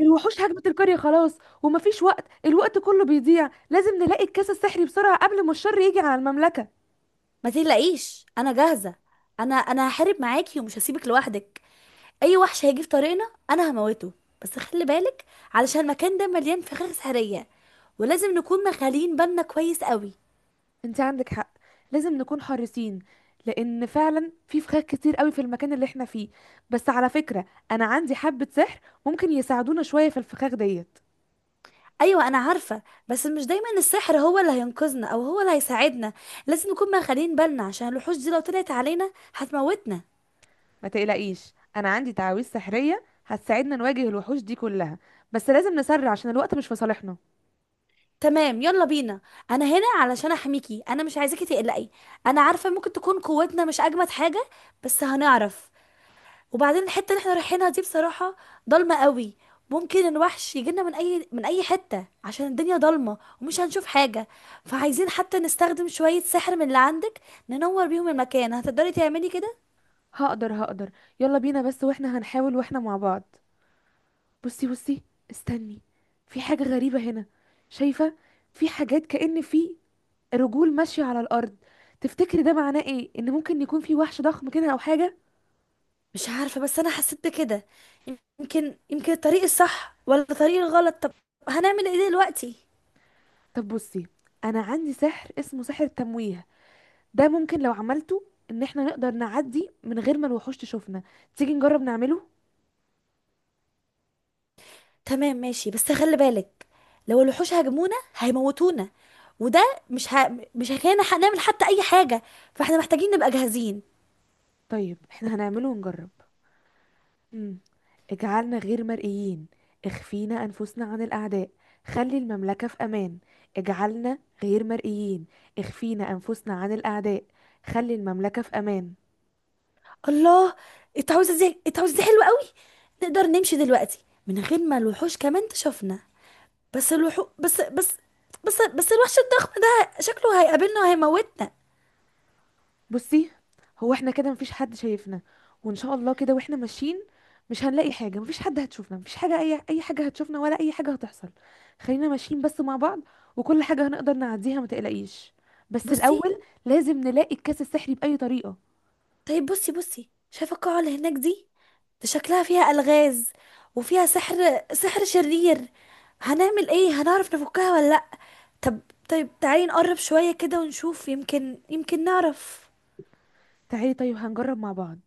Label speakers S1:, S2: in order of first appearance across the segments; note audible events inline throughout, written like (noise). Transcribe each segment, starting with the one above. S1: الوحوش هجمت القرية خلاص، ومفيش وقت. الوقت كله بيضيع. لازم نلاقي الكاس السحري بسرعة قبل ما الشر يجي على المملكة.
S2: ما تقلقيش، انا جاهزه. انا هحارب معاكي ومش هسيبك لوحدك. اي وحش هيجي في طريقنا انا هموته. بس خلي بالك، علشان المكان ده مليان فخاخ سحريه ولازم نكون مخالين بالنا كويس قوي.
S1: انت عندك حق، لازم نكون حريصين، لان فعلا في فخاخ كتير قوي في المكان اللي احنا فيه. بس على فكرة، انا عندي حبة سحر ممكن يساعدونا شوية في الفخاخ ديت.
S2: ايوه انا عارفه، بس مش دايما السحر هو اللي هينقذنا او هو اللي هيساعدنا. لازم نكون مخالين بالنا عشان الوحوش دي لو طلعت علينا هتموتنا.
S1: ما تقلقيش، انا عندي تعاويذ سحرية هتساعدنا نواجه الوحوش دي كلها. بس لازم نسرع عشان الوقت مش في صالحنا.
S2: تمام، يلا بينا. انا هنا علشان احميكي، انا مش عايزاكي تقلقي. انا عارفه ممكن تكون قوتنا مش اجمد حاجه، بس هنعرف. وبعدين الحته اللي احنا رايحينها دي بصراحه ضلمه قوي. ممكن الوحش يجينا من اي حته عشان الدنيا ضلمه ومش هنشوف حاجه. فعايزين حتى نستخدم شويه سحر من اللي عندك ننور بيهم المكان. هتقدري تعملي كده؟
S1: هقدر هقدر. يلا بينا، بس واحنا هنحاول واحنا مع بعض. بصي بصي، استني. في حاجة غريبة هنا. شايفة؟ في حاجات كأن في رجول ماشية على الأرض. تفتكري ده معناه ايه؟ ان ممكن يكون في وحش ضخم كده او حاجة.
S2: مش عارفه، بس انا حسيت بكده. يمكن يمكن الطريق الصح ولا الطريق الغلط. طب هنعمل ايه دلوقتي؟
S1: طب بصي، انا عندي سحر اسمه سحر التمويه. ده ممكن لو عملته ان احنا نقدر نعدي من غير ما الوحوش تشوفنا. تيجي نجرب نعمله؟
S2: تمام ماشي، بس خلي بالك. لو الوحوش هاجمونا هيموتونا، وده مش هيخلينا نعمل حتى اي حاجه. فاحنا محتاجين نبقى جاهزين.
S1: طيب احنا هنعمله ونجرب. مم. اجعلنا غير مرئيين. اخفينا أنفسنا عن الأعداء. خلي المملكة في أمان. اجعلنا غير مرئيين. اخفينا أنفسنا عن الأعداء. خلي المملكة في أمان.
S2: الله، التعويذه دي حلوه قوي. نقدر نمشي دلوقتي من غير ما الوحوش كمان تشوفنا. بس الوحو بس بس بس بس الوحش الضخم ده شكله هيقابلنا وهيموتنا.
S1: بصي، هو احنا كده مفيش حد شايفنا. وإن شاء الله كده واحنا ماشيين مش هنلاقي حاجة. مفيش حد هتشوفنا. مفيش حاجة، أي أي حاجة هتشوفنا ولا أي حاجة هتحصل. خلينا ماشيين بس مع بعض، وكل حاجة هنقدر نعديها. ما تقلقيش. بس
S2: بصي،
S1: الأول لازم نلاقي الكاس السحري بأي طريقة.
S2: طيب بصي بصي، شايفه القاعه اللي هناك دي؟ ده شكلها فيها الغاز وفيها سحر شرير. هنعمل ايه؟ هنعرف نفكها ولا لا؟ طب طيب، تعالي نقرب شويه كده ونشوف، يمكن يمكن نعرف.
S1: تعالي، طيب هنجرب مع بعض.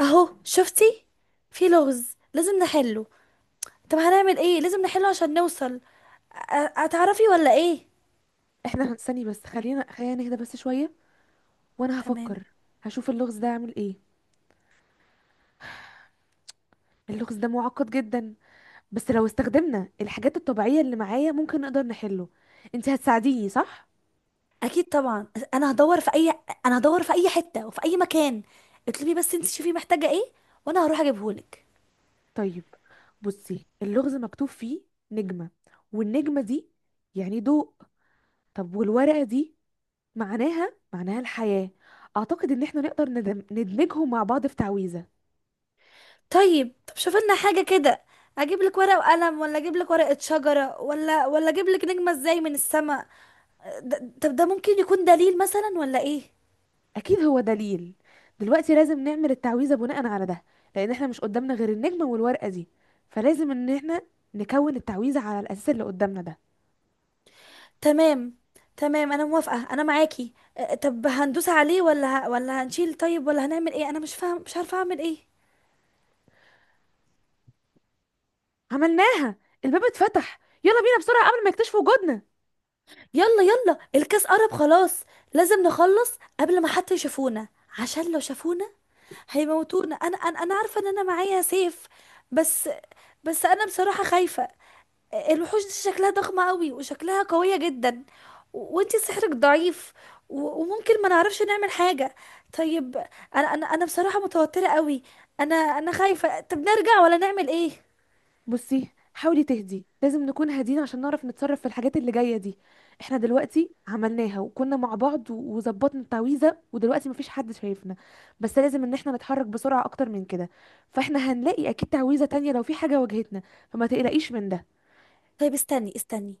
S2: اهو شفتي، في لغز لازم نحله. طب هنعمل ايه؟ لازم نحله عشان نوصل. أ- هتعرفي ولا ايه؟
S1: احنا (laughs) هنستني. بس خلينا نهدى بس شوية، وانا
S2: تمام.
S1: هفكر. هشوف اللغز ده اعمل ايه. اللغز ده معقد جدا، بس لو استخدمنا الحاجات الطبيعية اللي معايا ممكن نقدر نحله. انت هتساعديني صح؟
S2: اكيد طبعا. انا هدور في اي انا هدور في اي حته وفي اي مكان. اطلبي بس، انت شوفي محتاجه ايه وانا هروح اجيبهولك.
S1: طيب بصي، اللغز مكتوب فيه نجمة. والنجمة دي يعني ضوء. طب والورقة دي معناها معناها الحياة. اعتقد ان احنا نقدر ندمجهم مع بعض في تعويذة.
S2: طيب، طب شوف لنا حاجه كده. اجيب لك ورق وقلم، ولا اجيب لك ورقه شجره، ولا اجيب لك نجمه ازاي من السماء؟ طب ده ممكن يكون دليل مثلا ولا ايه؟
S1: اكيد هو دليل. دلوقتي لازم نعمل التعويذه بناء على ده، لان احنا مش قدامنا غير النجمه والورقه دي. فلازم ان احنا نكون التعويذه على الاساس اللي قدامنا ده.
S2: تمام تمام انا موافقه، انا معاكي. طب هندوس عليه ولا ولا هنشيل، طيب، ولا هنعمل ايه؟ انا مش فاهم، مش عارفه اعمل ايه.
S1: عملناها! الباب اتفتح. يلا بينا بسرعه قبل ما يكتشفوا وجودنا.
S2: يلا يلا، الكاس قرب خلاص. لازم نخلص قبل ما حتى يشوفونا، عشان لو شافونا هيموتونا. انا عارفه ان انا معايا سيف. بس بس انا بصراحه خايفه. الوحوش دي شكلها ضخمه قوي وشكلها قويه جدا. وانتي سحرك ضعيف. وممكن ما نعرفش نعمل حاجه. طيب. انا بصراحه متوتره قوي. انا خايفه. طب نرجع ولا نعمل ايه؟
S1: بصي، حاولي تهدي. لازم نكون هادين عشان نعرف نتصرف في الحاجات اللي جايه دي. احنا دلوقتي عملناها وكنا مع بعض، و- وظبطنا التعويذه ودلوقتي مفيش حد شايفنا. بس لازم ان احنا نتحرك بسرعه اكتر من كده. فاحنا هنلاقي اكيد تعويذه تانية لو في حاجه واجهتنا، فما تقلقيش من ده.
S2: طيب استني استني.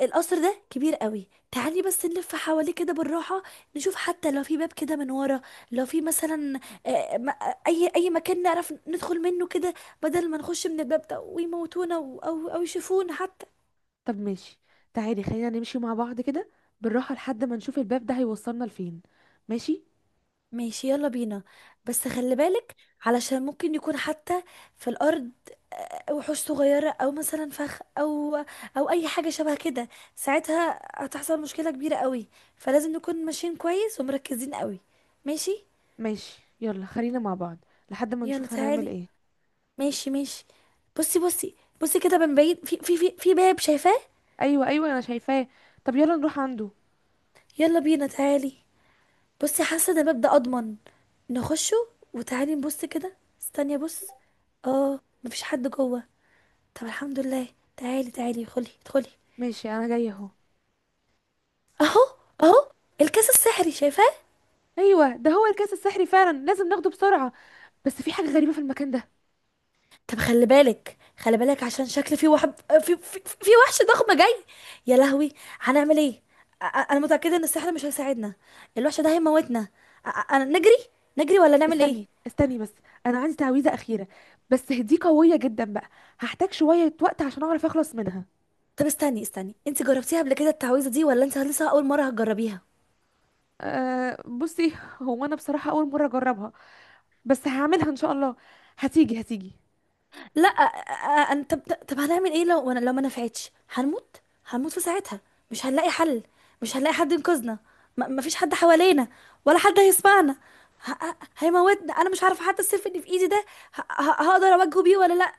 S2: القصر ده كبير قوي، تعالي بس نلف حواليه كده بالراحة، نشوف حتى لو في باب كده من ورا. لو في مثلا، آه، م- اي مكان نعرف ندخل منه كده، بدل ما نخش من الباب ده ويموتونا او او يشوفونا حتى.
S1: طب ماشي، تعالي خلينا نمشي مع بعض كده بالراحة لحد ما نشوف الباب ده هيوصلنا لفين. ماشي.
S2: ماشي، يلا بينا، بس خلي بالك علشان ممكن يكون حتى في الارض وحوش صغيرة، او مثلا فخ، او اي حاجة شبه كده. ساعتها هتحصل مشكلة كبيرة قوي، فلازم نكون ماشيين كويس ومركزين قوي. ماشي.
S1: ماشي، يلا خلينا مع بعض لحد ما
S2: يلا
S1: نشوف هنعمل
S2: تعالي.
S1: ايه.
S2: ماشي ماشي. بصي بصي، بصي كده من بعيد، في باب شايفاه.
S1: ايوه ايوه، انا شايفاه. طب يلا نروح عنده.
S2: يلا بينا، تعالي. بصي، حاسه ان الباب ده اضمن، نخشه. وتعالي نبص كده. استني بص. اه، مفيش حد جوه. طب الحمد لله. تعالي تعالي، خلي ادخلي.
S1: ماشي، انا جاية اهو.
S2: اهو، اهو، الكاس السحري شايفاه.
S1: ايوه، ده هو الكاس السحري فعلا. لازم ناخده بسرعة. بس في حاجة غريبة في المكان ده.
S2: طب خلي بالك خلي بالك، عشان شكل في واحد، في وحش ضخم جاي. يا لهوي، هنعمل ايه؟ انا متأكدة ان السحر مش هيساعدنا. الوحش ده هيموتنا. أنا نجري، نجري ولا نعمل ايه؟
S1: استني استني بس، انا عندي تعويذة اخيرة. بس دي قوية جدا بقى. هحتاج شوية وقت عشان اعرف اخلص منها.
S2: طب استني استني، انت جربتيها قبل كده التعويذة دي، ولا انت لسه اول مرة هتجربيها؟
S1: أه بصي، هو انا بصراحة اول مرة اجربها، بس هعملها ان شاء الله. هتيجي هتيجي.
S2: لا طب هنعمل ايه لو انا، لو ما نفعتش هنموت؟ هنموت في ساعتها. مش هنلاقي حل. مش هنلاقي حد ينقذنا. ما فيش حد حوالينا، ولا حد هيسمعنا. هيموتنا. انا مش عارفه حتى السيف اللي في ايدي ده هقدر اواجهه بيه ولا لا.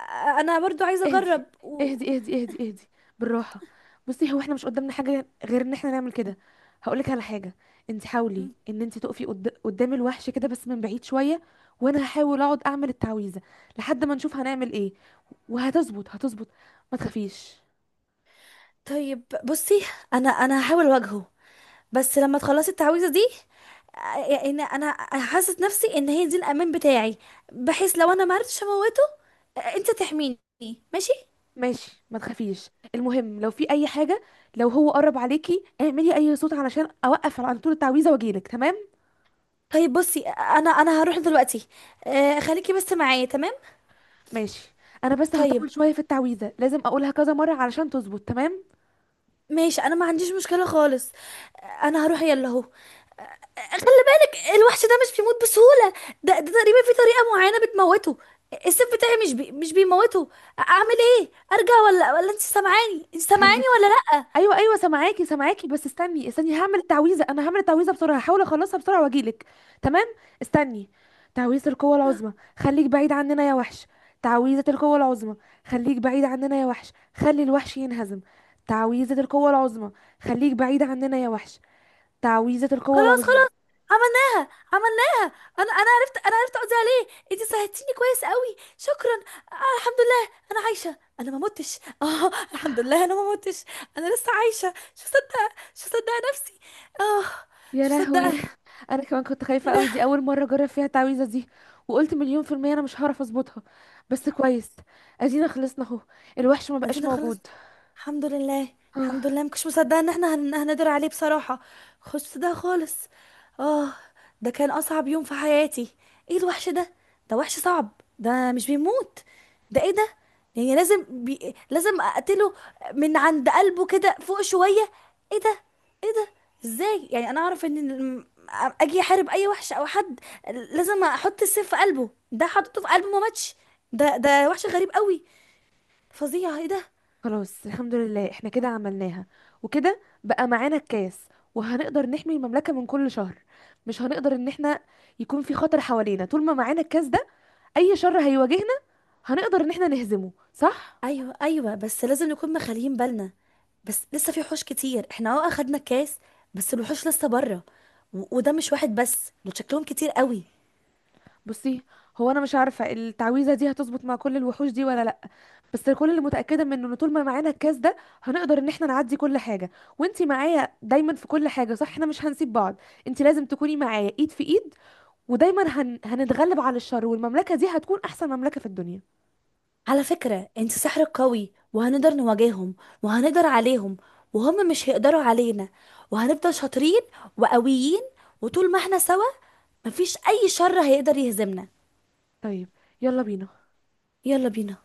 S2: انا برضو عايزه
S1: اهدي
S2: اجرب
S1: اهدي اهدي اهدي اهدي. بالراحه. بصي، هو احنا مش قدامنا حاجه غير ان احنا نعمل كده. هقولك على حاجه. انت حاولي ان انت تقفي قدام الوحش كده بس من بعيد شويه، وانا هحاول اقعد اعمل التعويذه لحد ما نشوف هنعمل ايه. وهتظبط هتظبط. ما تخافيش.
S2: طيب بصي، انا هحاول اواجهه بس لما تخلصي التعويذه دي. يعني ان انا حاسه نفسي ان هي دي الامان بتاعي، بحيث لو انا ما عرفتش اموته، انت تحميني. ماشي.
S1: ماشي، ما تخافيش. المهم لو في اي حاجه، لو هو قرب عليكي اعملي اي صوت علشان اوقف على طول التعويذه واجيلك. تمام.
S2: طيب بصي، انا هروح دلوقتي. خليكي بس معايا، تمام.
S1: ماشي. انا بس
S2: طيب
S1: هطول شويه في التعويذه، لازم اقولها كذا مره علشان تظبط تمام.
S2: ماشي، انا ما عنديش مشكله خالص. انا هروح يلا اهو. خلي بالك الوحش ده مش بيموت بسهوله. ده تقريبا في طريقه معينه بتموته. السيف بتاعي مش بيموته. اعمل ايه؟ ارجع ولا ولا انت سامعاني؟
S1: خليكي.
S2: ولا؟
S1: ايوه ايوه، سامعاكي سامعاكي. بس استني استني، هعمل التعويذه. انا هعمل التعويذه بسرعه، هحاول اخلصها بسرعه واجيلك. تمام. استني. تعويذه القوه العظمى، خليك بعيد عننا يا وحش. تعويذه القوه العظمى، خليك بعيد عننا يا وحش، خلي الوحش ينهزم. تعويذه القوه العظمى، خليك بعيد عننا يا وحش. تعويذه القوه
S2: خلاص
S1: العظمى.
S2: خلاص، عملناها عملناها. انا عرفت، انا عرفت اقضي عليه. انت ساعدتيني كويس قوي، شكرا. آه الحمد لله، انا عايشه، انا ما متش (laughs) اه الحمد لله انا ما متش، انا لسه عايشه. مش مصدقه، مش مصدقه نفسي. اه،
S1: يا
S2: مش
S1: لهوي!
S2: مصدقه.
S1: انا كمان كنت
S2: ايه
S1: خايفه
S2: ده؟
S1: قوي. دي اول مره اجرب فيها التعويذه دي، وقلت مليون في الميه انا مش هعرف اظبطها. بس كويس، ادينا خلصنا اهو. الوحش ما بقاش
S2: عايزين
S1: موجود.
S2: نخلص. الحمد لله.
S1: آه.
S2: الحمد لله، مكنتش مصدقه ان احنا هنقدر عليه بصراحه. خش ده خالص. اه، ده كان اصعب يوم في حياتي. ايه الوحش ده؟ ده وحش صعب، ده مش بيموت. ده ايه ده؟ يعني لازم لازم اقتله من عند قلبه كده فوق شويه. ايه ده، ايه ده؟ ازاي يعني انا اعرف ان اجي احارب اي وحش او حد لازم احط السيف في قلبه. ده حطيته في قلبه ما ماتش. ده وحش غريب قوي، فظيع. ايه ده.
S1: خلاص الحمد لله، احنا كده عملناها. وكده بقى معانا الكاس، وهنقدر نحمي المملكه من كل شر. مش هنقدر ان احنا يكون في خطر حوالينا طول ما معانا الكاس ده. اي شر هيواجهنا هنقدر ان احنا نهزمه، صح.
S2: ايوه ايوه، بس لازم نكون مخليين بالنا. بس لسه في وحوش كتير. احنا اه اخدنا الكاس، بس الوحوش لسه بره. وده مش واحد بس، دول شكلهم كتير قوي.
S1: بصي، هو انا مش عارفه التعويذه دي هتظبط مع كل الوحوش دي ولا لا، بس كل اللي متأكدة منه ان طول ما معانا الكاس ده هنقدر ان احنا نعدي كل حاجة. وانتي معايا دايما في كل حاجة، صح احنا مش هنسيب بعض. انتي لازم تكوني معايا ايد في ايد، ودايما هنتغلب على الشر، والمملكة دي هتكون احسن مملكة في الدنيا.
S2: على فكرة انت سحرك قوي، وهنقدر نواجههم وهنقدر عليهم، وهم مش هيقدروا علينا. وهنفضل شاطرين وقويين. وطول ما احنا سوا، مفيش اي شر هيقدر يهزمنا.
S1: طيب، يلا بينا.
S2: يلا بينا.